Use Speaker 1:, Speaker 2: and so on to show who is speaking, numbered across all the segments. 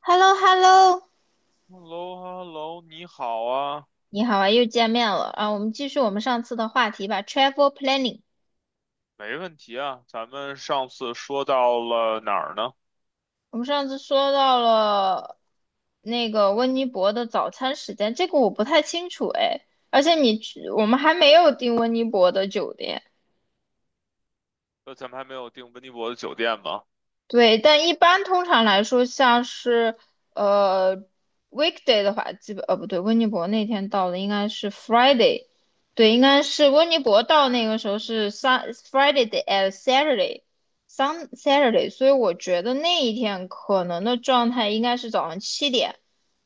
Speaker 1: h e l l o Hello
Speaker 2: h e l l o h e l l o 你好啊。
Speaker 1: 你好啊，又见面了啊！我们继续我们上次的话题吧，travel planning。
Speaker 2: 没问题啊。咱们上次说到了哪儿呢？
Speaker 1: 我们上次说到了那个温尼伯的早餐时间，这个我不太清楚哎，而且你去我们还没有订温尼伯的酒店。
Speaker 2: 咱们还没有订温尼伯的酒店吗？
Speaker 1: 对，但一般通常来说，像是呃 weekday 的话，基本不对，温尼伯那天到的应该是 Friday。对，应该是温尼伯到那个时候是 sun Friday d a d Saturday sun Saturday，所以我觉得那一天可能的状态应该是早上七点，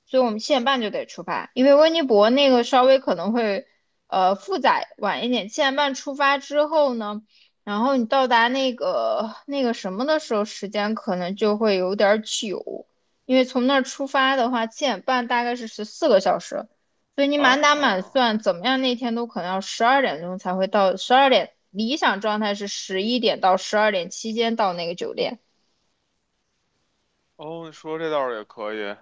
Speaker 1: 所以我们七点半就得出发，因为温尼伯那个稍微可能会复杂晚一点，七点半出发之后呢。然后你到达那个什么的时候，时间可能就会有点儿久，因为从那儿出发的话，七点半大概是十四个小时，所以你满打满
Speaker 2: 啊，
Speaker 1: 算，怎么样那天都可能要十二点钟才会到，十二点理想状态是11点到十二点期间到那个酒店。
Speaker 2: 哦，你说这倒是也可以。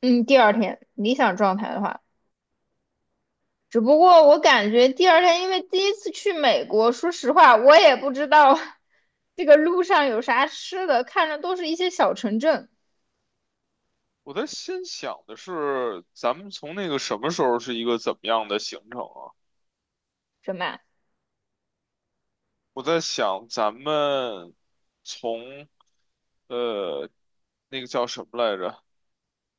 Speaker 1: 嗯，第二天理想状态的话，只不过我感觉第二天，因为第一次去美国，说实话，我也不知道 这个路上有啥吃的，看着都是一些小城镇，
Speaker 2: 我在心想的是，咱们从那个什么时候是一个怎么样的行程啊？
Speaker 1: 什么。
Speaker 2: 我在想，咱们从呃那个叫什么来着？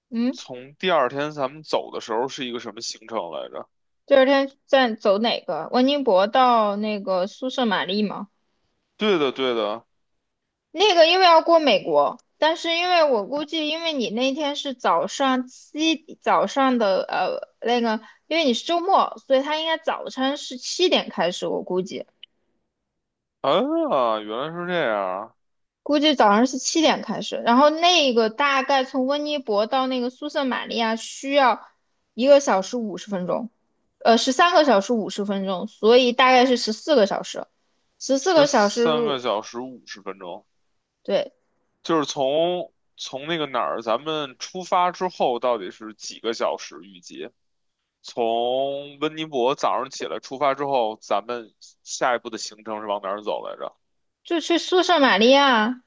Speaker 1: 嗯，
Speaker 2: 从第二天咱们走的时候是一个什么行程来着？
Speaker 1: 第二天再走哪个？温尼伯到那个苏舍玛丽吗？
Speaker 2: 对的，对的。
Speaker 1: 那个因为要过美国，但是因为我估计，因为你那天是早上的那个，因为你是周末，所以他应该早餐是七点开始，我估计。
Speaker 2: 啊，原来是这样。
Speaker 1: 估计早上是七点开始，然后那个大概从温尼伯到那个苏圣玛利亚需要1个小时50分钟，十三个小时五十分钟，所以大概是十四个小时，十四
Speaker 2: 十
Speaker 1: 个小时。
Speaker 2: 三个小时五十分钟，
Speaker 1: 对，
Speaker 2: 就是从那个哪儿，咱们出发之后到底是几个小时？预计从温尼伯早上起来出发之后，咱们下一步的行程是往哪儿走来着？
Speaker 1: 就去苏圣玛利亚，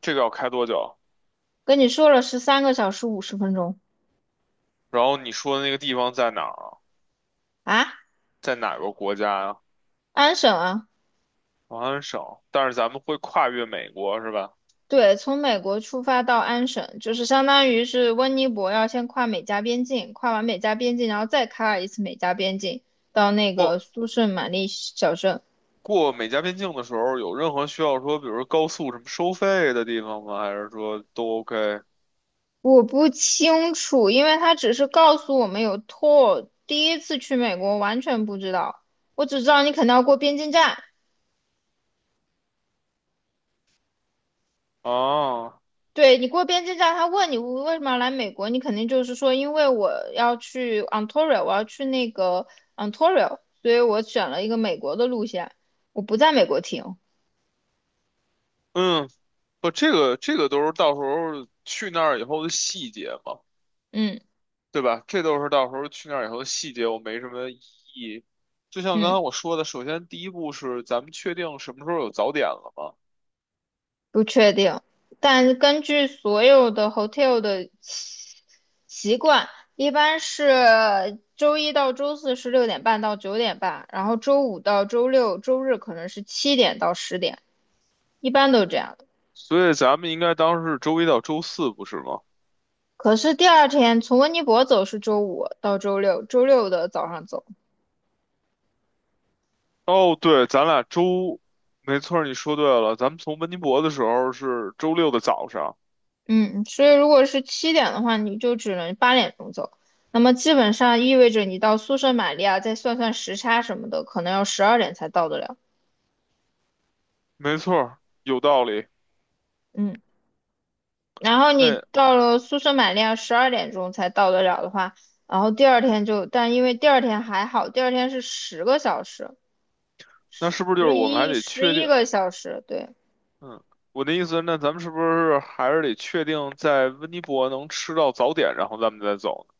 Speaker 2: 这个要开多久？
Speaker 1: 跟你说了十三个小时五十分钟
Speaker 2: 然后你说的那个地方在哪儿啊？
Speaker 1: 啊，
Speaker 2: 在哪个国家呀、
Speaker 1: 安省啊。
Speaker 2: 王安省，但是咱们会跨越美国是吧？
Speaker 1: 对，从美国出发到安省，就是相当于是温尼伯要先跨美加边境，跨完美加边境，然后再开一次美加边境，到那
Speaker 2: 过
Speaker 1: 个苏圣玛丽小镇。
Speaker 2: 过美加边境的时候，有任何需要说，比如说高速什么收费的地方吗？还是说都 OK?
Speaker 1: 我不清楚，因为他只是告诉我们有 tour，第一次去美国完全不知道，我只知道你肯定要过边境站，
Speaker 2: 啊？
Speaker 1: 对，你过边境站，他问你为什么要来美国，你肯定就是说，因为我要去 Ontario，我要去那个 Ontario，所以我选了一个美国的路线，我不在美国停。
Speaker 2: 嗯，不，这个都是到时候去那儿以后的细节嘛，
Speaker 1: 嗯
Speaker 2: 对吧？这都是到时候去那儿以后的细节，我没什么异议。就像刚才
Speaker 1: 嗯，
Speaker 2: 我说的，首先第一步是咱们确定什么时候有早点了嘛，
Speaker 1: 不确定，但根据所有的 hotel 的习惯，一般是周一到周四是6点半到9点半，然后周五到周六、周日可能是七点到10点，一般都是这样。
Speaker 2: 所以咱们应该当时是周1到周4，不是吗？
Speaker 1: 可是第二天从温尼伯走是周五到周六，周六的早上走。
Speaker 2: 哦，对，咱俩周，没错儿，你说对了，咱们从温尼伯的时候是周6的早上，
Speaker 1: 嗯，所以如果是七点的话，你就只能8点钟走，那么基本上意味着你到宿舍玛利亚，再算算时差什么的，可能要十二点才到得了。
Speaker 2: 没错儿，有道理。
Speaker 1: 嗯，然后你
Speaker 2: 那
Speaker 1: 到了宿舍玛利亚十二点钟才到得了的话，然后第二天就，但因为第二天还好，第二天是10个小时，
Speaker 2: 那是不是就
Speaker 1: 十
Speaker 2: 是我们还
Speaker 1: 一
Speaker 2: 得
Speaker 1: 十
Speaker 2: 确
Speaker 1: 一
Speaker 2: 定？
Speaker 1: 个小时，对，
Speaker 2: 嗯，我的意思，那咱们是不是还是得确定在温尼伯能吃到早点，然后咱们再走呢？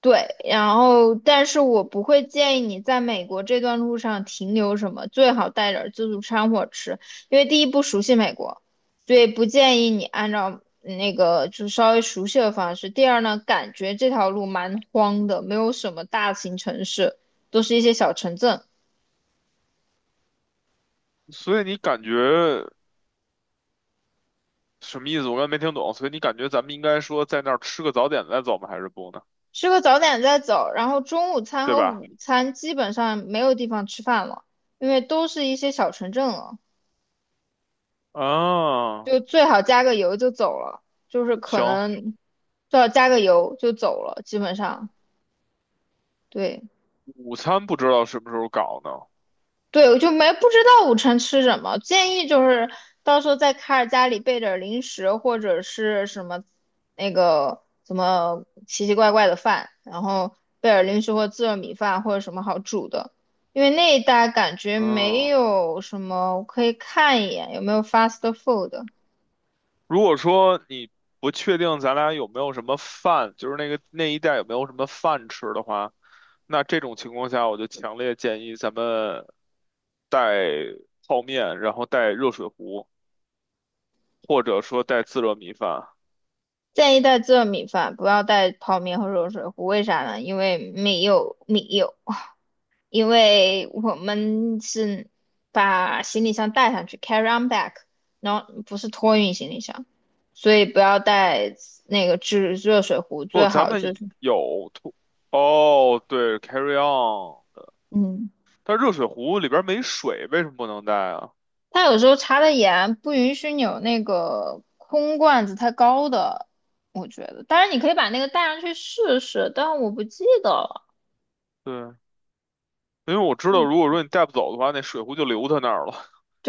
Speaker 1: 对。然后但是我不会建议你在美国这段路上停留什么，最好带点儿自助餐或者吃，因为第一不熟悉美国，所以不建议你按照那个就稍微熟悉的方式。第二呢，感觉这条路蛮荒的，没有什么大型城市，都是一些小城镇。
Speaker 2: 所以你感觉什么意思？我刚才没听懂。所以你感觉咱们应该说在那儿吃个早点再走吗？还是不呢？
Speaker 1: 吃个早点再走，然后中午餐
Speaker 2: 对
Speaker 1: 和
Speaker 2: 吧？
Speaker 1: 午餐基本上没有地方吃饭了，因为都是一些小城镇了。
Speaker 2: 啊，
Speaker 1: 就最好加个油就走了，就是可
Speaker 2: 行，
Speaker 1: 能最好加个油就走了，基本上。对
Speaker 2: 午餐不知道什么时候搞呢。
Speaker 1: 对，我就没不知道午餐吃什么，建议就是到时候在卡尔家里备点儿零食或者是什么那个什么奇奇怪怪的饭，然后备点儿零食或自热米饭或者什么好煮的，因为那一带感觉没
Speaker 2: 嗯，
Speaker 1: 有什么，我可以看一眼有没有 fast food。
Speaker 2: 如果说你不确定咱俩有没有什么饭，就是那个那一带有没有什么饭吃的话，那这种情况下，我就强烈建议咱们带泡面，然后带热水壶，或者说带自热米饭。
Speaker 1: 建议带自热米饭，不要带泡面和热水壶。为啥呢？因为没有米有，因为我们是把行李箱带上去，carry on back，然后不是托运行李箱，所以不要带那个制热水壶，
Speaker 2: 不，
Speaker 1: 最
Speaker 2: 咱
Speaker 1: 好就
Speaker 2: 们
Speaker 1: 是，
Speaker 2: 有土，哦，对，carry on,
Speaker 1: 嗯，
Speaker 2: 但热水壶里边没水，为什么不能带啊？
Speaker 1: 他有时候查的严，不允许你有那个空罐子太高的，我觉得。当然你可以把那个带上去试试，但我不记得了。
Speaker 2: 对，因为我知道，
Speaker 1: 嗯，
Speaker 2: 如果说你带不走的话，那水壶就留他那儿了。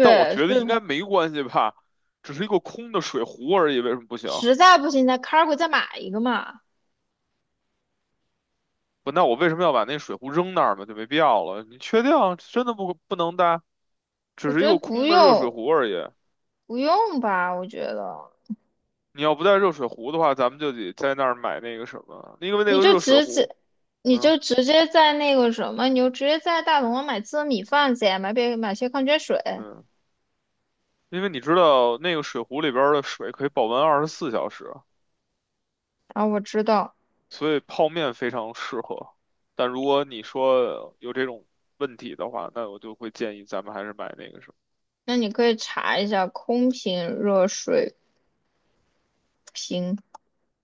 Speaker 2: 但我觉得
Speaker 1: 所
Speaker 2: 应该
Speaker 1: 以。
Speaker 2: 没关系吧，只是一个空的水壶而已，为什么不行？
Speaker 1: 实在不行在 Cargo 再买一个嘛。
Speaker 2: 不，那我为什么要把那水壶扔那儿嘛？就没必要了。你确定啊真的不能带？只
Speaker 1: 我
Speaker 2: 是
Speaker 1: 觉
Speaker 2: 一
Speaker 1: 得
Speaker 2: 个
Speaker 1: 不
Speaker 2: 空的热水
Speaker 1: 用，
Speaker 2: 壶而已。
Speaker 1: 不用吧。我觉得
Speaker 2: 你要不带热水壶的话，咱们就得在那儿买那个什么，因为那
Speaker 1: 你
Speaker 2: 个
Speaker 1: 就
Speaker 2: 热水
Speaker 1: 直
Speaker 2: 壶，
Speaker 1: 接，你
Speaker 2: 嗯，
Speaker 1: 就直接在那个什么，你就直接在大董买自热米饭去，买些矿泉水。
Speaker 2: 对，因为你知道那个水壶里边儿的水可以保温24小时。
Speaker 1: 啊，我知道，
Speaker 2: 所以泡面非常适合。但如果你说有这种问题的话，那我就会建议咱们还是买那个什么。
Speaker 1: 那你可以查一下空瓶热水瓶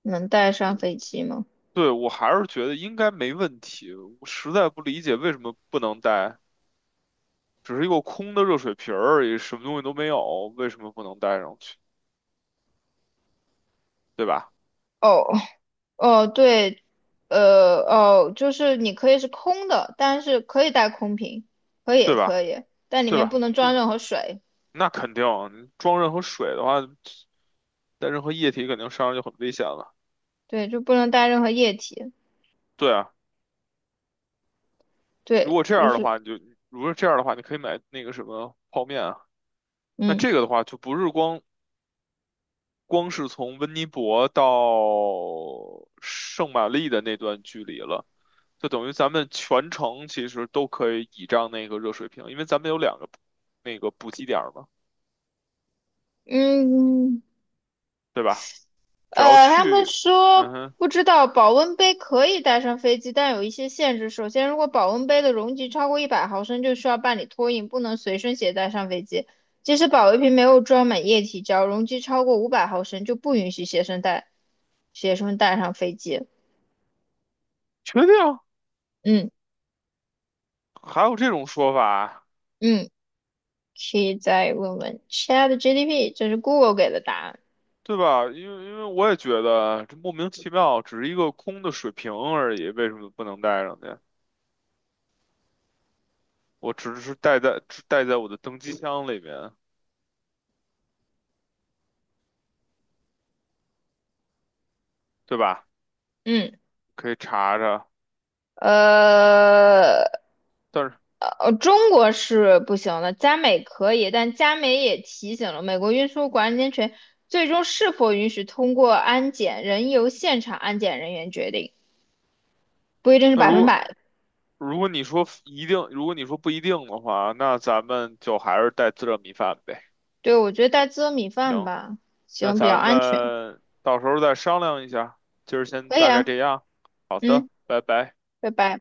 Speaker 1: 能带上
Speaker 2: 嗯，
Speaker 1: 飞机吗？
Speaker 2: 对，我还是觉得应该没问题。我实在不理解为什么不能带，只是一个空的热水瓶儿而已，什么东西都没有，为什么不能带上去？对吧？
Speaker 1: 哦哦，对，哦，就是你可以是空的，但是可以带空瓶，可以
Speaker 2: 对
Speaker 1: 可
Speaker 2: 吧？
Speaker 1: 以，但里
Speaker 2: 对
Speaker 1: 面不
Speaker 2: 吧？
Speaker 1: 能
Speaker 2: 就
Speaker 1: 装任何水。
Speaker 2: 那肯定，你装任何水的话，带任何液体肯定身上就很危险了。
Speaker 1: 对，就不能带任何液体。
Speaker 2: 对啊，如
Speaker 1: 对，
Speaker 2: 果这
Speaker 1: 就
Speaker 2: 样的
Speaker 1: 是
Speaker 2: 话，你就如果这样的话，你可以买那个什么泡面啊。那
Speaker 1: 嗯
Speaker 2: 这个的话，就不是光是从温尼伯到圣玛丽的那段距离了，就等于咱们全程其实都可以倚仗那个热水瓶，因为咱们有两个那个补给点儿嘛，
Speaker 1: 嗯
Speaker 2: 对吧？只要
Speaker 1: 他们
Speaker 2: 去，嗯
Speaker 1: 说
Speaker 2: 哼，
Speaker 1: 不知道保温杯可以带上飞机，但有一些限制。首先，如果保温杯的容积超过100毫升，就需要办理托运，不能随身携带上飞机。即使保温瓶没有装满液体，只要容积超过500毫升，就不允许学生带上飞机。
Speaker 2: 确定
Speaker 1: 嗯
Speaker 2: 还有这种说法，
Speaker 1: 嗯，可以再问问 c h a t g p 这是 Google 给的答案。
Speaker 2: 对吧？因为我也觉得这莫名其妙，只是一个空的水瓶而已，为什么不能带上去？我只是带在只带在我的登机箱里面，对吧？
Speaker 1: 嗯，
Speaker 2: 可以查查。
Speaker 1: 呃。
Speaker 2: 但是
Speaker 1: 中国是不行的，加美可以，但加美也提醒了美国运输管理安权最终是否允许通过安检，仍由现场安检人员决定，不一定是
Speaker 2: 那
Speaker 1: 百
Speaker 2: 如
Speaker 1: 分
Speaker 2: 果
Speaker 1: 百。
Speaker 2: 如果你说一定，如果你说不一定的话，那咱们就还是带自热米饭呗。
Speaker 1: 对，我觉得带自热米饭
Speaker 2: 行，
Speaker 1: 吧，
Speaker 2: 那
Speaker 1: 行，比较
Speaker 2: 咱
Speaker 1: 安全，
Speaker 2: 们到时候再商量一下。今儿先
Speaker 1: 可以
Speaker 2: 大概
Speaker 1: 啊，
Speaker 2: 这样。好的，
Speaker 1: 嗯，
Speaker 2: 拜拜。
Speaker 1: 拜拜。